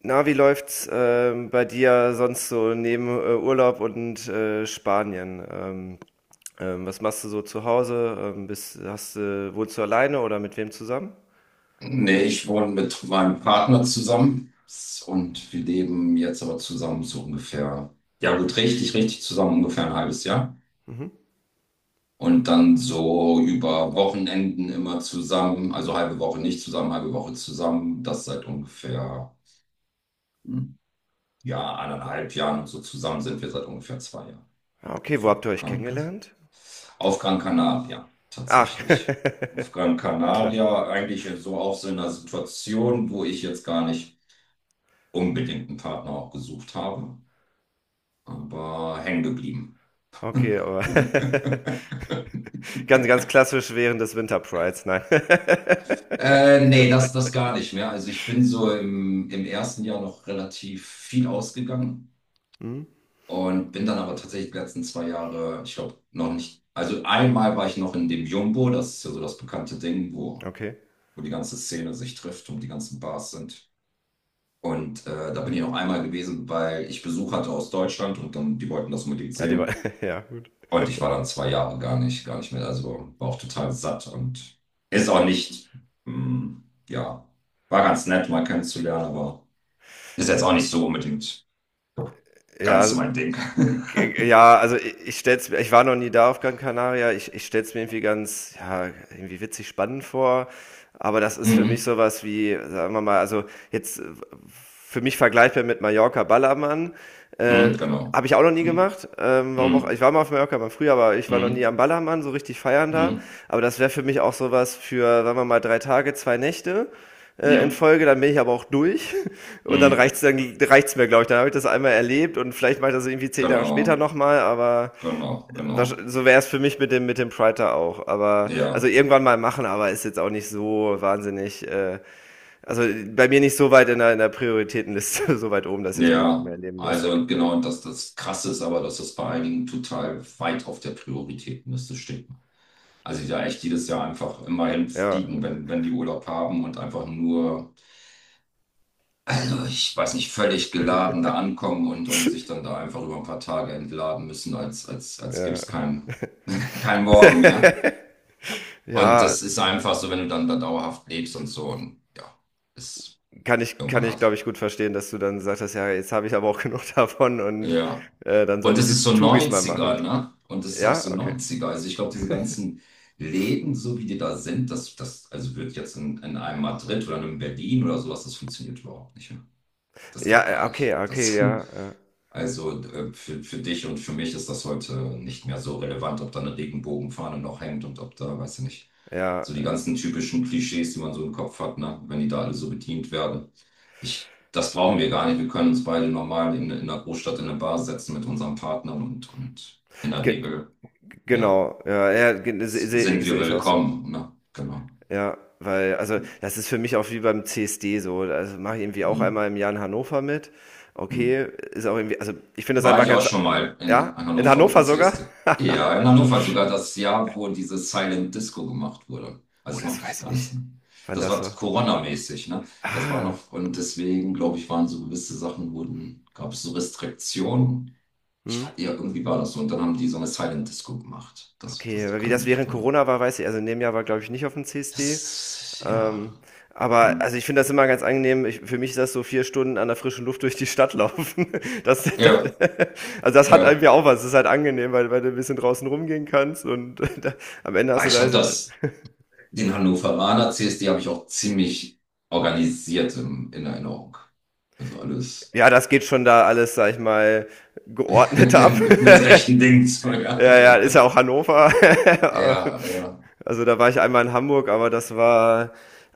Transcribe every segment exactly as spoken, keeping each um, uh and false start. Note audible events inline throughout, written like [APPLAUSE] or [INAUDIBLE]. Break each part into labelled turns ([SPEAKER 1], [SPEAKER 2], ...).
[SPEAKER 1] Na, wie läuft's ähm, bei dir sonst so neben äh, Urlaub und äh, Spanien? Ähm, ähm, was machst du so zu Hause? Ähm, bist, hast, du- wohnst du alleine oder mit wem zusammen?
[SPEAKER 2] Nee, ich wohne mit meinem Partner zusammen und wir leben jetzt aber zusammen so ungefähr, ja gut, richtig, richtig zusammen ungefähr ein halbes Jahr.
[SPEAKER 1] Mhm.
[SPEAKER 2] Und dann so über Wochenenden immer zusammen, also halbe Woche nicht zusammen, halbe Woche zusammen. Das seit ungefähr, hm, ja, anderthalb Jahren und so zusammen sind wir seit ungefähr zwei Jahren.
[SPEAKER 1] Ja, okay, wo
[SPEAKER 2] So,
[SPEAKER 1] habt ihr euch
[SPEAKER 2] kann, kann.
[SPEAKER 1] kennengelernt?
[SPEAKER 2] Auf Gran Canaria,
[SPEAKER 1] Ach,
[SPEAKER 2] tatsächlich. Auf Gran
[SPEAKER 1] [LAUGHS] klasse.
[SPEAKER 2] Canaria eigentlich so auch so in einer Situation, wo ich jetzt gar nicht unbedingt einen Partner auch gesucht habe, aber hängen geblieben.
[SPEAKER 1] Okay, aber
[SPEAKER 2] [LAUGHS]
[SPEAKER 1] [LAUGHS] ganz, ganz klassisch während des Winter Prides, nein. [LAUGHS]
[SPEAKER 2] Äh, nee, das, das gar nicht mehr. Also ich bin so im, im ersten Jahr noch relativ viel ausgegangen
[SPEAKER 1] Hm,
[SPEAKER 2] und bin dann aber tatsächlich die letzten zwei Jahre, ich glaube, noch nicht. Also einmal war ich noch in dem Jumbo, das ist ja so das bekannte Ding, wo,
[SPEAKER 1] okay.
[SPEAKER 2] wo die ganze Szene sich trifft und die ganzen Bars sind. Und äh, da bin ich noch einmal gewesen, weil ich Besuch hatte aus Deutschland und dann, die wollten das unbedingt
[SPEAKER 1] Ja, die war,
[SPEAKER 2] sehen.
[SPEAKER 1] [LAUGHS] ja, gut.
[SPEAKER 2] Und ich war dann zwei Jahre gar nicht, gar nicht mehr. Also war auch total satt und ist auch nicht, mm, ja, war ganz nett, mal kennenzulernen, aber ist jetzt auch nicht so unbedingt
[SPEAKER 1] Ja,
[SPEAKER 2] ganz mein Ding. [LAUGHS]
[SPEAKER 1] Äh, ja, also ich, ich stell's mir, ich war noch nie da auf Gran Canaria, ich, ich stell's mir irgendwie ganz, ja, irgendwie witzig spannend vor. Aber das ist für mich
[SPEAKER 2] Mhm.
[SPEAKER 1] sowas wie, sagen wir mal, also jetzt äh, für mich vergleichbar mit Mallorca Ballermann. Äh,
[SPEAKER 2] Mhm, genau.
[SPEAKER 1] Habe ich auch noch nie
[SPEAKER 2] Mhm.
[SPEAKER 1] gemacht. Ähm, warum auch? Ich war
[SPEAKER 2] Mhm.
[SPEAKER 1] mal auf Mallorca mal früher, aber ich war noch nie am
[SPEAKER 2] Mhm.
[SPEAKER 1] Ballermann, so richtig feiern da.
[SPEAKER 2] Mhm.
[SPEAKER 1] Aber das wäre für mich auch sowas für, sagen wir mal, drei Tage, zwei Nächte äh, in
[SPEAKER 2] Ja.
[SPEAKER 1] Folge, dann bin ich aber auch durch [LAUGHS] und dann reicht's
[SPEAKER 2] Mhm.
[SPEAKER 1] dann reicht's mir, glaube ich. Dann habe ich das einmal erlebt und vielleicht mache ich das irgendwie zehn Jahre
[SPEAKER 2] Genau.
[SPEAKER 1] später nochmal, aber
[SPEAKER 2] Genau. Genau.
[SPEAKER 1] so wäre es für mich mit dem mit dem Pride da auch. Aber also
[SPEAKER 2] Ja.
[SPEAKER 1] irgendwann mal machen, aber ist jetzt auch nicht so wahnsinnig äh, also bei mir nicht so weit in der, in der Prioritätenliste, [LAUGHS] so weit oben, dass ich es unbedingt mehr
[SPEAKER 2] Ja.
[SPEAKER 1] erleben muss. Da,
[SPEAKER 2] Also genau, dass das Krasse ist aber, dass das bei einigen total weit auf der Prioritätenliste steht, ne? Also die da echt jedes Jahr einfach immer
[SPEAKER 1] ja,
[SPEAKER 2] hinfliegen, wenn, wenn die Urlaub haben und einfach nur, also ich weiß nicht, völlig geladen da ankommen und, und sich dann da einfach über ein paar Tage entladen müssen, als, als, als gäbe
[SPEAKER 1] ja.
[SPEAKER 2] es keinen [LAUGHS] kein Morgen mehr.
[SPEAKER 1] [LAUGHS]
[SPEAKER 2] Und
[SPEAKER 1] Ja,
[SPEAKER 2] das ist einfach so, wenn du dann da dauerhaft lebst und so und ja, ist
[SPEAKER 1] kann ich, kann
[SPEAKER 2] irgendwann
[SPEAKER 1] ich,
[SPEAKER 2] hast.
[SPEAKER 1] glaube ich, gut verstehen, dass du dann gesagt hast, ja, jetzt habe ich aber auch genug [LAUGHS] davon und
[SPEAKER 2] Ja.
[SPEAKER 1] äh, dann soll
[SPEAKER 2] Und
[SPEAKER 1] ich
[SPEAKER 2] das ist
[SPEAKER 1] die
[SPEAKER 2] so
[SPEAKER 1] Touris mal machen.
[SPEAKER 2] neunziger, ne? Und das ist auch
[SPEAKER 1] Ja,
[SPEAKER 2] so
[SPEAKER 1] okay.
[SPEAKER 2] neunziger. Also ich glaube, diese ganzen Läden, so wie die da sind, das, das also wird jetzt in, in einem Madrid oder einem Berlin oder sowas, das funktioniert überhaupt nicht. Ja. Das geht
[SPEAKER 1] Ja, äh,
[SPEAKER 2] gar
[SPEAKER 1] okay,
[SPEAKER 2] nicht.
[SPEAKER 1] okay,
[SPEAKER 2] Das,
[SPEAKER 1] ja,
[SPEAKER 2] [LAUGHS] also äh, für, für dich und für mich ist das heute nicht mehr so relevant, ob da eine Regenbogenfahne noch hängt und ob da, weiß ich nicht,
[SPEAKER 1] äh, ja,
[SPEAKER 2] so die
[SPEAKER 1] ja.
[SPEAKER 2] ganzen typischen Klischees, die man so im Kopf hat, ne? Wenn die da alle so bedient werden. Ich, das brauchen wir gar nicht. Wir können uns beide normal in, in einer Großstadt in eine Bar setzen mit unserem Partner und, und in der
[SPEAKER 1] Ge
[SPEAKER 2] Regel, ja,
[SPEAKER 1] Genau, ja, ja, ge- se-
[SPEAKER 2] s-
[SPEAKER 1] se-
[SPEAKER 2] sind wir
[SPEAKER 1] sehe ich auch so.
[SPEAKER 2] willkommen, ne? Genau.
[SPEAKER 1] Ja, weil, also das ist für mich auch wie beim C S D so. Also mache ich irgendwie auch
[SPEAKER 2] Hm,
[SPEAKER 1] einmal im Jahr in Hannover mit.
[SPEAKER 2] hm.
[SPEAKER 1] Okay, ist auch irgendwie, also ich finde das
[SPEAKER 2] War
[SPEAKER 1] einfach
[SPEAKER 2] ich auch
[SPEAKER 1] ganz,
[SPEAKER 2] schon mal in
[SPEAKER 1] ja, in
[SPEAKER 2] Hannover auf dem
[SPEAKER 1] Hannover sogar?
[SPEAKER 2] C S D. Ja, in Hannover sogar das Jahr, wo diese Silent Disco gemacht wurde.
[SPEAKER 1] Oh,
[SPEAKER 2] Also noch
[SPEAKER 1] das
[SPEAKER 2] nicht,
[SPEAKER 1] weiß ich
[SPEAKER 2] gar nicht
[SPEAKER 1] nicht,
[SPEAKER 2] so.
[SPEAKER 1] wann
[SPEAKER 2] Das
[SPEAKER 1] das
[SPEAKER 2] war
[SPEAKER 1] war.
[SPEAKER 2] Corona-mäßig, ne? Das war
[SPEAKER 1] Ah,
[SPEAKER 2] noch, und deswegen, glaube ich, waren so gewisse Sachen, wurden, gab es so Restriktionen. Ich
[SPEAKER 1] hm,
[SPEAKER 2] fand, ja, irgendwie war das so. Und dann haben die so eine Silent Disco gemacht. Das,
[SPEAKER 1] okay,
[SPEAKER 2] das
[SPEAKER 1] aber wie
[SPEAKER 2] kann ich mich
[SPEAKER 1] das
[SPEAKER 2] nicht
[SPEAKER 1] während
[SPEAKER 2] dran erinnern.
[SPEAKER 1] Corona war, weiß ich, also in dem Jahr war, glaube ich, nicht auf dem C S D.
[SPEAKER 2] Das,
[SPEAKER 1] Ähm,
[SPEAKER 2] ja.
[SPEAKER 1] aber also
[SPEAKER 2] Hm.
[SPEAKER 1] ich finde das immer ganz angenehm. Ich, für mich ist das so vier Stunden an der frischen Luft durch die Stadt laufen. [LAUGHS] Das, dann,
[SPEAKER 2] Ja,
[SPEAKER 1] also das hat
[SPEAKER 2] ja.
[SPEAKER 1] irgendwie auch was. Das ist halt angenehm, weil, weil du ein bisschen draußen rumgehen kannst und [LAUGHS] da, am Ende hast
[SPEAKER 2] Aber
[SPEAKER 1] du
[SPEAKER 2] ich
[SPEAKER 1] da
[SPEAKER 2] habe
[SPEAKER 1] diese-
[SPEAKER 2] das. Den Hannoveraner C S D habe ich auch ziemlich organisiert im, in Erinnerung. Also alles
[SPEAKER 1] ja, das geht schon da alles, sag ich mal, geordnet ab.
[SPEAKER 2] [LAUGHS] mit
[SPEAKER 1] [LAUGHS]
[SPEAKER 2] rechten Dingen. So, ja,
[SPEAKER 1] Ja, ja,
[SPEAKER 2] genau.
[SPEAKER 1] ist ja auch Hannover. [LAUGHS]
[SPEAKER 2] Ja, ja.
[SPEAKER 1] Also da war ich einmal in Hamburg, aber das war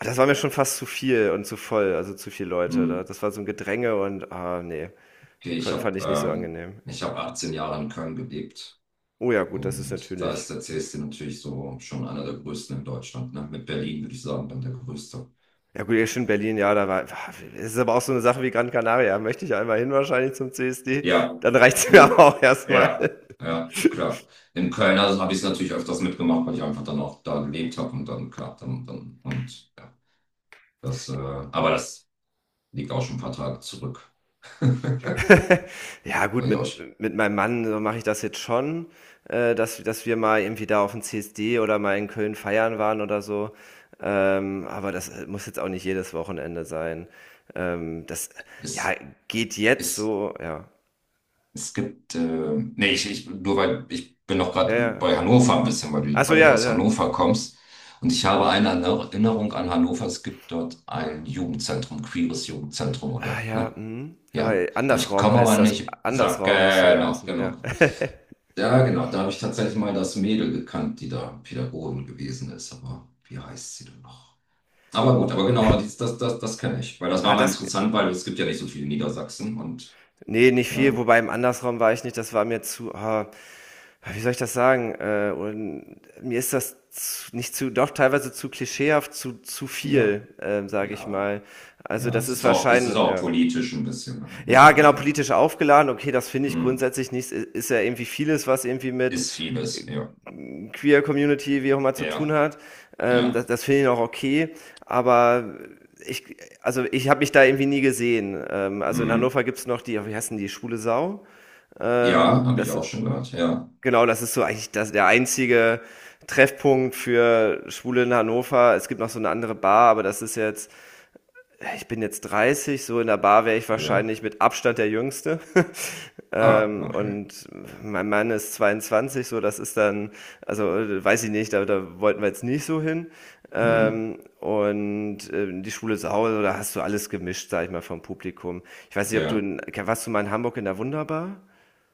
[SPEAKER 1] das war mir schon fast zu viel und zu voll, also zu viele Leute.
[SPEAKER 2] Hm.
[SPEAKER 1] Da, das war so ein Gedränge und ah nee,
[SPEAKER 2] Okay, ich
[SPEAKER 1] kon-
[SPEAKER 2] habe
[SPEAKER 1] fand ich nicht so
[SPEAKER 2] ähm,
[SPEAKER 1] angenehm.
[SPEAKER 2] ich hab achtzehn Jahre in Köln gelebt.
[SPEAKER 1] Oh ja, gut, das ist
[SPEAKER 2] Und da
[SPEAKER 1] natürlich
[SPEAKER 2] ist der C S D natürlich so schon einer der größten in Deutschland. Ne? Mit Berlin würde ich sagen, dann der größte.
[SPEAKER 1] ja gut, ja, schön Berlin, ja, da war es ist aber auch so eine Sache wie Gran Canaria. Da möchte ich einmal hin wahrscheinlich zum C S D,
[SPEAKER 2] Ja.
[SPEAKER 1] dann reicht's mir [LAUGHS] aber
[SPEAKER 2] Hm.
[SPEAKER 1] auch erstmal.
[SPEAKER 2] Ja, ja, klar. In Köln also habe ich es natürlich öfters mitgemacht, weil ich einfach dann auch da gelebt habe und dann, klar, dann, dann und ja. Das, äh, aber das liegt auch schon ein paar Tage zurück. [LAUGHS]
[SPEAKER 1] [LAUGHS] Ja gut,
[SPEAKER 2] War ja auch, sch-
[SPEAKER 1] mit mit meinem Mann, äh, mache ich das jetzt schon, äh, dass dass wir mal irgendwie da auf aufm C S D oder mal in Köln feiern waren oder so, ähm, aber das, äh, muss jetzt auch nicht jedes Wochenende sein. Ähm, das, ja,
[SPEAKER 2] es,
[SPEAKER 1] geht jetzt
[SPEAKER 2] es,
[SPEAKER 1] so, ja.
[SPEAKER 2] es gibt, äh, nee, ich, ich, nur weil ich bin noch
[SPEAKER 1] Ja,
[SPEAKER 2] gerade
[SPEAKER 1] ja.
[SPEAKER 2] bei Hannover ein bisschen, weil
[SPEAKER 1] Ach
[SPEAKER 2] du,
[SPEAKER 1] so,
[SPEAKER 2] weil du
[SPEAKER 1] ja,
[SPEAKER 2] aus
[SPEAKER 1] ja.
[SPEAKER 2] Hannover kommst. Und ich habe eine Erinnerung an Hannover. Es gibt dort ein Jugendzentrum, queeres Jugendzentrum,
[SPEAKER 1] Ah
[SPEAKER 2] oder?
[SPEAKER 1] ja,
[SPEAKER 2] Ne?
[SPEAKER 1] mhm. Ja,
[SPEAKER 2] Ja.
[SPEAKER 1] äh,
[SPEAKER 2] Aber ich
[SPEAKER 1] Andersraum
[SPEAKER 2] komme
[SPEAKER 1] heißt
[SPEAKER 2] aber
[SPEAKER 1] das.
[SPEAKER 2] nicht. So,
[SPEAKER 1] Andersraum müsste der
[SPEAKER 2] genau,
[SPEAKER 1] heißen, ja.
[SPEAKER 2] genau.
[SPEAKER 1] [LAUGHS]
[SPEAKER 2] Ja, genau. Da habe ich tatsächlich mal das Mädel gekannt, die da Pädagogin gewesen ist. Aber wie heißt sie denn noch? Aber gut, aber genau, das, das, das, das kenne ich. Weil das war
[SPEAKER 1] Ah,
[SPEAKER 2] mal
[SPEAKER 1] das g
[SPEAKER 2] interessant, weil es gibt ja nicht so viele in Niedersachsen und
[SPEAKER 1] ne, nicht viel,
[SPEAKER 2] ähm,
[SPEAKER 1] wobei im Andersraum war ich nicht, das war mir zu ah, wie soll ich das sagen? Äh, und mir ist das z nicht zu doch teilweise zu klischeehaft, zu zu
[SPEAKER 2] ja,
[SPEAKER 1] viel, ähm, sage ich
[SPEAKER 2] ja,
[SPEAKER 1] mal. Also,
[SPEAKER 2] ja,
[SPEAKER 1] das
[SPEAKER 2] es
[SPEAKER 1] ist
[SPEAKER 2] ist auch, es ist
[SPEAKER 1] wahrschein
[SPEAKER 2] auch
[SPEAKER 1] ja.
[SPEAKER 2] politisch ein bisschen, ne? Muss
[SPEAKER 1] Ja,
[SPEAKER 2] man
[SPEAKER 1] genau,
[SPEAKER 2] einfach.
[SPEAKER 1] politisch aufgeladen. Okay, das finde ich
[SPEAKER 2] Hm,
[SPEAKER 1] grundsätzlich nicht. Ist ja irgendwie vieles, was irgendwie mit
[SPEAKER 2] ist vieles,
[SPEAKER 1] äh,
[SPEAKER 2] ja.
[SPEAKER 1] Queer Community, wie auch immer, zu tun
[SPEAKER 2] Ja,
[SPEAKER 1] hat. Ähm,
[SPEAKER 2] ja.
[SPEAKER 1] das das finde ich auch okay. Aber ich, also ich habe mich da irgendwie nie gesehen. Ähm, also in
[SPEAKER 2] Hm,
[SPEAKER 1] Hannover gibt's noch die, wie heißt denn die, Schwule Sau.
[SPEAKER 2] ja,
[SPEAKER 1] Ähm,
[SPEAKER 2] habe ich
[SPEAKER 1] das
[SPEAKER 2] auch
[SPEAKER 1] ist,
[SPEAKER 2] schon gehört. Ja.
[SPEAKER 1] genau, das ist so eigentlich das, der einzige Treffpunkt für Schwule in Hannover. Es gibt noch so eine andere Bar, aber das ist jetzt, ich bin jetzt dreißig, so in der Bar wäre ich
[SPEAKER 2] Ja.
[SPEAKER 1] wahrscheinlich mit Abstand der Jüngste. [LAUGHS]
[SPEAKER 2] Ah,
[SPEAKER 1] Ähm,
[SPEAKER 2] okay.
[SPEAKER 1] und mein Mann ist zweiundzwanzig, so das ist dann, also weiß ich nicht, da, da wollten wir jetzt nicht so hin.
[SPEAKER 2] Hm,
[SPEAKER 1] Ähm, und äh, die Schule zu Hause, da hast du alles gemischt, sag ich mal, vom Publikum. Ich weiß nicht, ob du
[SPEAKER 2] ja.
[SPEAKER 1] in, warst du mal in Hamburg in der Wunderbar?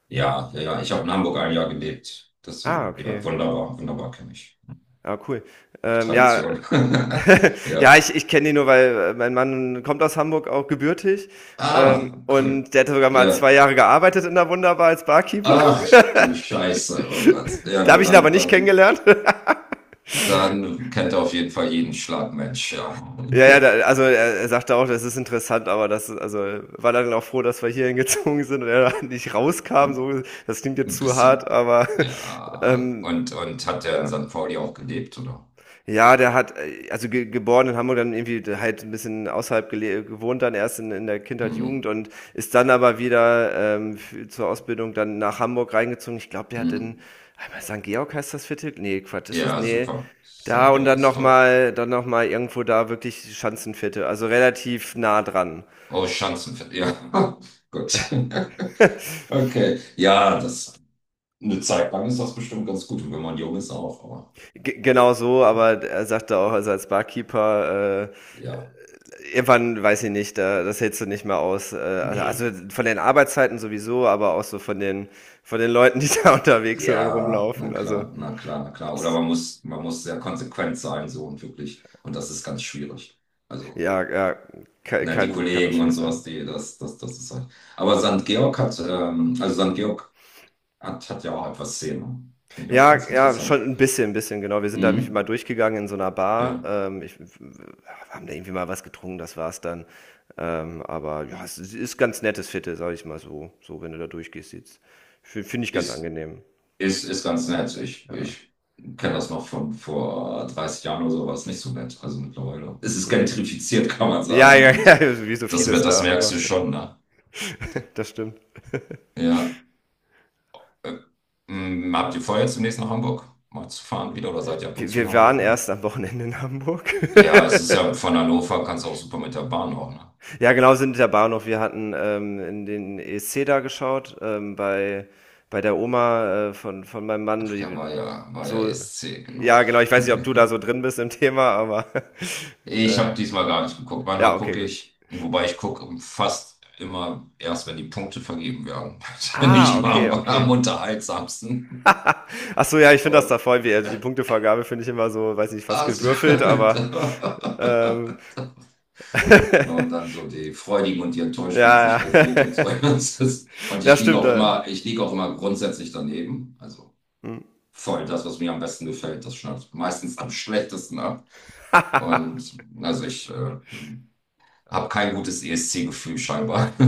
[SPEAKER 2] Ja, ja, ja. Ich habe in Hamburg ein Jahr gelebt.
[SPEAKER 1] Ah,
[SPEAKER 2] Deswegen, ja,
[SPEAKER 1] okay.
[SPEAKER 2] wunderbar, wunderbar kenne ich.
[SPEAKER 1] Ah, cool. Ähm, ja,
[SPEAKER 2] Tradition. [LAUGHS]
[SPEAKER 1] [LAUGHS]
[SPEAKER 2] Ja.
[SPEAKER 1] ja, ich, ich kenne die nur, weil äh, mein Mann kommt aus Hamburg auch gebürtig. Ähm,
[SPEAKER 2] Ah, cool.
[SPEAKER 1] und der hat sogar mal
[SPEAKER 2] Ja.
[SPEAKER 1] zwei Jahre gearbeitet in der Wunderbar als Barkeeper.
[SPEAKER 2] Ach
[SPEAKER 1] [LAUGHS]
[SPEAKER 2] du Scheiße, oh Gott. Ja
[SPEAKER 1] Da habe
[SPEAKER 2] gut,
[SPEAKER 1] ich ihn aber
[SPEAKER 2] dann,
[SPEAKER 1] nicht
[SPEAKER 2] dann,
[SPEAKER 1] kennengelernt. [LAUGHS]
[SPEAKER 2] dann kennt er auf jeden Fall jeden Schlagmensch, ja.
[SPEAKER 1] Ja, ja, da, also er, er sagte auch, das ist interessant, aber das, also war dann auch froh, dass wir hierhin gezogen sind und er [LAUGHS] da nicht rauskam. So, das klingt jetzt
[SPEAKER 2] Ein
[SPEAKER 1] zu hart,
[SPEAKER 2] bisschen.
[SPEAKER 1] aber [LAUGHS]
[SPEAKER 2] Ja.
[SPEAKER 1] ähm,
[SPEAKER 2] Und, und hat er in
[SPEAKER 1] ja,
[SPEAKER 2] Sankt Pauli auch gelebt, oder?
[SPEAKER 1] ja, der hat, äh, also ge geboren in Hamburg, dann irgendwie halt ein bisschen außerhalb gele gewohnt, dann erst in, in der Kindheit, Jugend
[SPEAKER 2] Mhm.
[SPEAKER 1] und ist dann aber wieder ähm, f- zur Ausbildung dann nach Hamburg reingezogen. Ich glaube, der hat in
[SPEAKER 2] Mhm.
[SPEAKER 1] einmal, Sankt Georg heißt das Viertel? Nee, Quatsch, ist das?
[SPEAKER 2] Ja,
[SPEAKER 1] Nee.
[SPEAKER 2] super.
[SPEAKER 1] Da
[SPEAKER 2] Sankt
[SPEAKER 1] und
[SPEAKER 2] Georg
[SPEAKER 1] dann
[SPEAKER 2] ist toll.
[SPEAKER 1] nochmal, dann nochmal irgendwo da wirklich Schanzenviertel, also relativ nah dran. [LAUGHS]
[SPEAKER 2] Oh, Schanzenfest. Ja, [LAUGHS] gut. Okay. Ja, das eine Zeit lang ist das bestimmt ganz gut. Und wenn man jung ist auch, aber
[SPEAKER 1] G Genau so,
[SPEAKER 2] ja.
[SPEAKER 1] aber er sagte auch, also als Barkeeper äh,
[SPEAKER 2] Ja.
[SPEAKER 1] irgendwann weiß ich nicht, da, das hältst du nicht mehr aus. Äh, Also
[SPEAKER 2] Nee.
[SPEAKER 1] also von den Arbeitszeiten sowieso, aber auch so von den, von den Leuten, die da [LAUGHS] unterwegs sind und
[SPEAKER 2] Ja, na
[SPEAKER 1] rumlaufen. Also
[SPEAKER 2] klar, na klar, na klar. Oder
[SPEAKER 1] das,
[SPEAKER 2] man muss, man muss sehr konsequent sein, so und wirklich. Und das ist ganz schwierig. Also,
[SPEAKER 1] ja, ja, kann,
[SPEAKER 2] ne, die
[SPEAKER 1] kann, kann auch
[SPEAKER 2] Kollegen und
[SPEAKER 1] schwierig
[SPEAKER 2] sowas,
[SPEAKER 1] sein.
[SPEAKER 2] die, das, das, das ist halt. Aber Sankt Georg hat, ähm, also Sankt Georg hat, hat ja auch etwas Szene. Finde ich auch
[SPEAKER 1] Ja,
[SPEAKER 2] ganz
[SPEAKER 1] ja,
[SPEAKER 2] interessant.
[SPEAKER 1] schon ein bisschen, ein bisschen, genau. Wir sind da nämlich mal
[SPEAKER 2] Mhm.
[SPEAKER 1] durchgegangen in so einer Bar.
[SPEAKER 2] Ja.
[SPEAKER 1] Ähm, ich, haben da irgendwie mal was getrunken, das war's dann. Ähm, aber ja, es ist ganz nettes Viertel, sag ich mal so. So, wenn du da durchgehst, sieht's. Finde ich ganz
[SPEAKER 2] Ist,
[SPEAKER 1] angenehm.
[SPEAKER 2] ist, ist ganz nett. Ich,
[SPEAKER 1] Ja.
[SPEAKER 2] ich kenne das noch von vor dreißig Jahren oder so, war es nicht so nett. Also mittlerweile. Es ist
[SPEAKER 1] Hm.
[SPEAKER 2] gentrifiziert, [LAUGHS] kann man
[SPEAKER 1] Ja,
[SPEAKER 2] sagen.
[SPEAKER 1] ja, [LAUGHS] ja,
[SPEAKER 2] Und
[SPEAKER 1] wie so
[SPEAKER 2] das,
[SPEAKER 1] vieles
[SPEAKER 2] das
[SPEAKER 1] da,
[SPEAKER 2] merkst
[SPEAKER 1] aber.
[SPEAKER 2] du schon, ne?
[SPEAKER 1] [LAUGHS] Das stimmt.
[SPEAKER 2] Ja, Äh, m, habt ihr vor, jetzt demnächst nach Hamburg mal zu fahren wieder oder seid ihr ab und
[SPEAKER 1] Wir,
[SPEAKER 2] zu in
[SPEAKER 1] wir waren
[SPEAKER 2] Hamburg, ne?
[SPEAKER 1] erst am Wochenende in Hamburg.
[SPEAKER 2] Ja, es ist ja von Hannover, kannst du auch super mit der Bahn auch, ne?
[SPEAKER 1] [LAUGHS] Ja, genau, sind in der Bahnhof. Wir hatten ähm, in den E S C da geschaut, ähm, bei, bei der Oma äh, von, von meinem Mann.
[SPEAKER 2] Ach ja, war
[SPEAKER 1] Die,
[SPEAKER 2] ja, war ja
[SPEAKER 1] so,
[SPEAKER 2] E S C, genau.
[SPEAKER 1] ja, genau, ich
[SPEAKER 2] [LAUGHS]
[SPEAKER 1] weiß nicht, ob du da so drin bist im Thema, aber [LAUGHS]
[SPEAKER 2] Ich
[SPEAKER 1] äh,
[SPEAKER 2] habe diesmal gar nicht geguckt.
[SPEAKER 1] ja,
[SPEAKER 2] Manchmal
[SPEAKER 1] okay,
[SPEAKER 2] gucke
[SPEAKER 1] gut.
[SPEAKER 2] ich, wobei ich gucke fast immer erst, wenn die Punkte vergeben werden. [LAUGHS] Das finde ich
[SPEAKER 1] Ah,
[SPEAKER 2] immer
[SPEAKER 1] okay,
[SPEAKER 2] am, am
[SPEAKER 1] okay. [LAUGHS]
[SPEAKER 2] unterhaltsamsten.
[SPEAKER 1] Ach so, ja, ich finde das da
[SPEAKER 2] Aber-
[SPEAKER 1] voll wie, also die Punktevergabe finde ich immer so, weiß nicht, fast
[SPEAKER 2] Also,
[SPEAKER 1] gewürfelt, aber
[SPEAKER 2] [LAUGHS]
[SPEAKER 1] ähm, [LAUGHS]
[SPEAKER 2] Wenn man dann so die freudigen und die enttäuschten
[SPEAKER 1] ja,
[SPEAKER 2] Gesichter sieht und so.
[SPEAKER 1] ja.
[SPEAKER 2] [LAUGHS]
[SPEAKER 1] [LAUGHS]
[SPEAKER 2] Das ist, und
[SPEAKER 1] Ja,
[SPEAKER 2] ich liege
[SPEAKER 1] stimmt,
[SPEAKER 2] auch
[SPEAKER 1] ja, ja.
[SPEAKER 2] immer, ich liege auch immer grundsätzlich daneben. Also
[SPEAKER 1] Hm.
[SPEAKER 2] voll das, was mir am besten gefällt, das schneidet meistens am schlechtesten ab. Und also ich äh, habe kein gutes E S C-Gefühl scheinbar. [LAUGHS]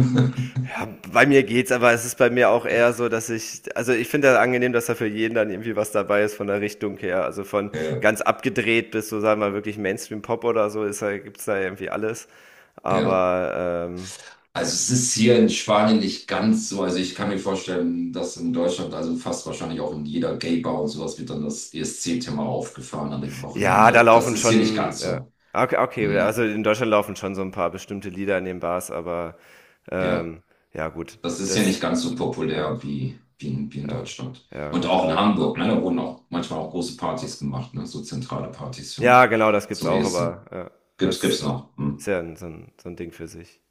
[SPEAKER 1] Ja, bei mir geht's, aber es ist bei mir auch eher so, dass ich, also ich finde das angenehm, dass da für jeden dann irgendwie was dabei ist von der Richtung her. Also von
[SPEAKER 2] Ja,
[SPEAKER 1] ganz abgedreht bis so, sagen wir mal, wirklich Mainstream-Pop oder so, ist, da- gibt's da irgendwie alles.
[SPEAKER 2] ja.
[SPEAKER 1] Aber ähm,
[SPEAKER 2] Also es ist hier in Spanien nicht ganz so. Also ich kann mir vorstellen, dass in Deutschland, also fast wahrscheinlich auch in jeder Gay-Bar und sowas, wird dann das E S C-Thema aufgefahren an dem
[SPEAKER 1] ja, da
[SPEAKER 2] Wochenende. Das
[SPEAKER 1] laufen
[SPEAKER 2] ist hier nicht
[SPEAKER 1] schon,
[SPEAKER 2] ganz
[SPEAKER 1] ja.
[SPEAKER 2] so.
[SPEAKER 1] Okay, okay, also
[SPEAKER 2] Hm.
[SPEAKER 1] in Deutschland laufen schon so ein paar bestimmte Lieder in den Bars, aber
[SPEAKER 2] Ja,
[SPEAKER 1] ähm, ja gut,
[SPEAKER 2] das ist ja nicht
[SPEAKER 1] das,
[SPEAKER 2] ganz so
[SPEAKER 1] ja,
[SPEAKER 2] populär wie, wie, in, wie in
[SPEAKER 1] ja,
[SPEAKER 2] Deutschland.
[SPEAKER 1] ja
[SPEAKER 2] Und
[SPEAKER 1] gut.
[SPEAKER 2] auch in Hamburg, ne? Da wurden auch manchmal auch große Partys gemacht, ne? So zentrale Partys
[SPEAKER 1] Ja,
[SPEAKER 2] zum,
[SPEAKER 1] genau, das gibt's
[SPEAKER 2] zum
[SPEAKER 1] auch,
[SPEAKER 2] E S C.
[SPEAKER 1] aber ja,
[SPEAKER 2] Gibt's,
[SPEAKER 1] das
[SPEAKER 2] gibt's noch.
[SPEAKER 1] ist
[SPEAKER 2] Hm?
[SPEAKER 1] ja ein, so ein, so ein Ding für sich.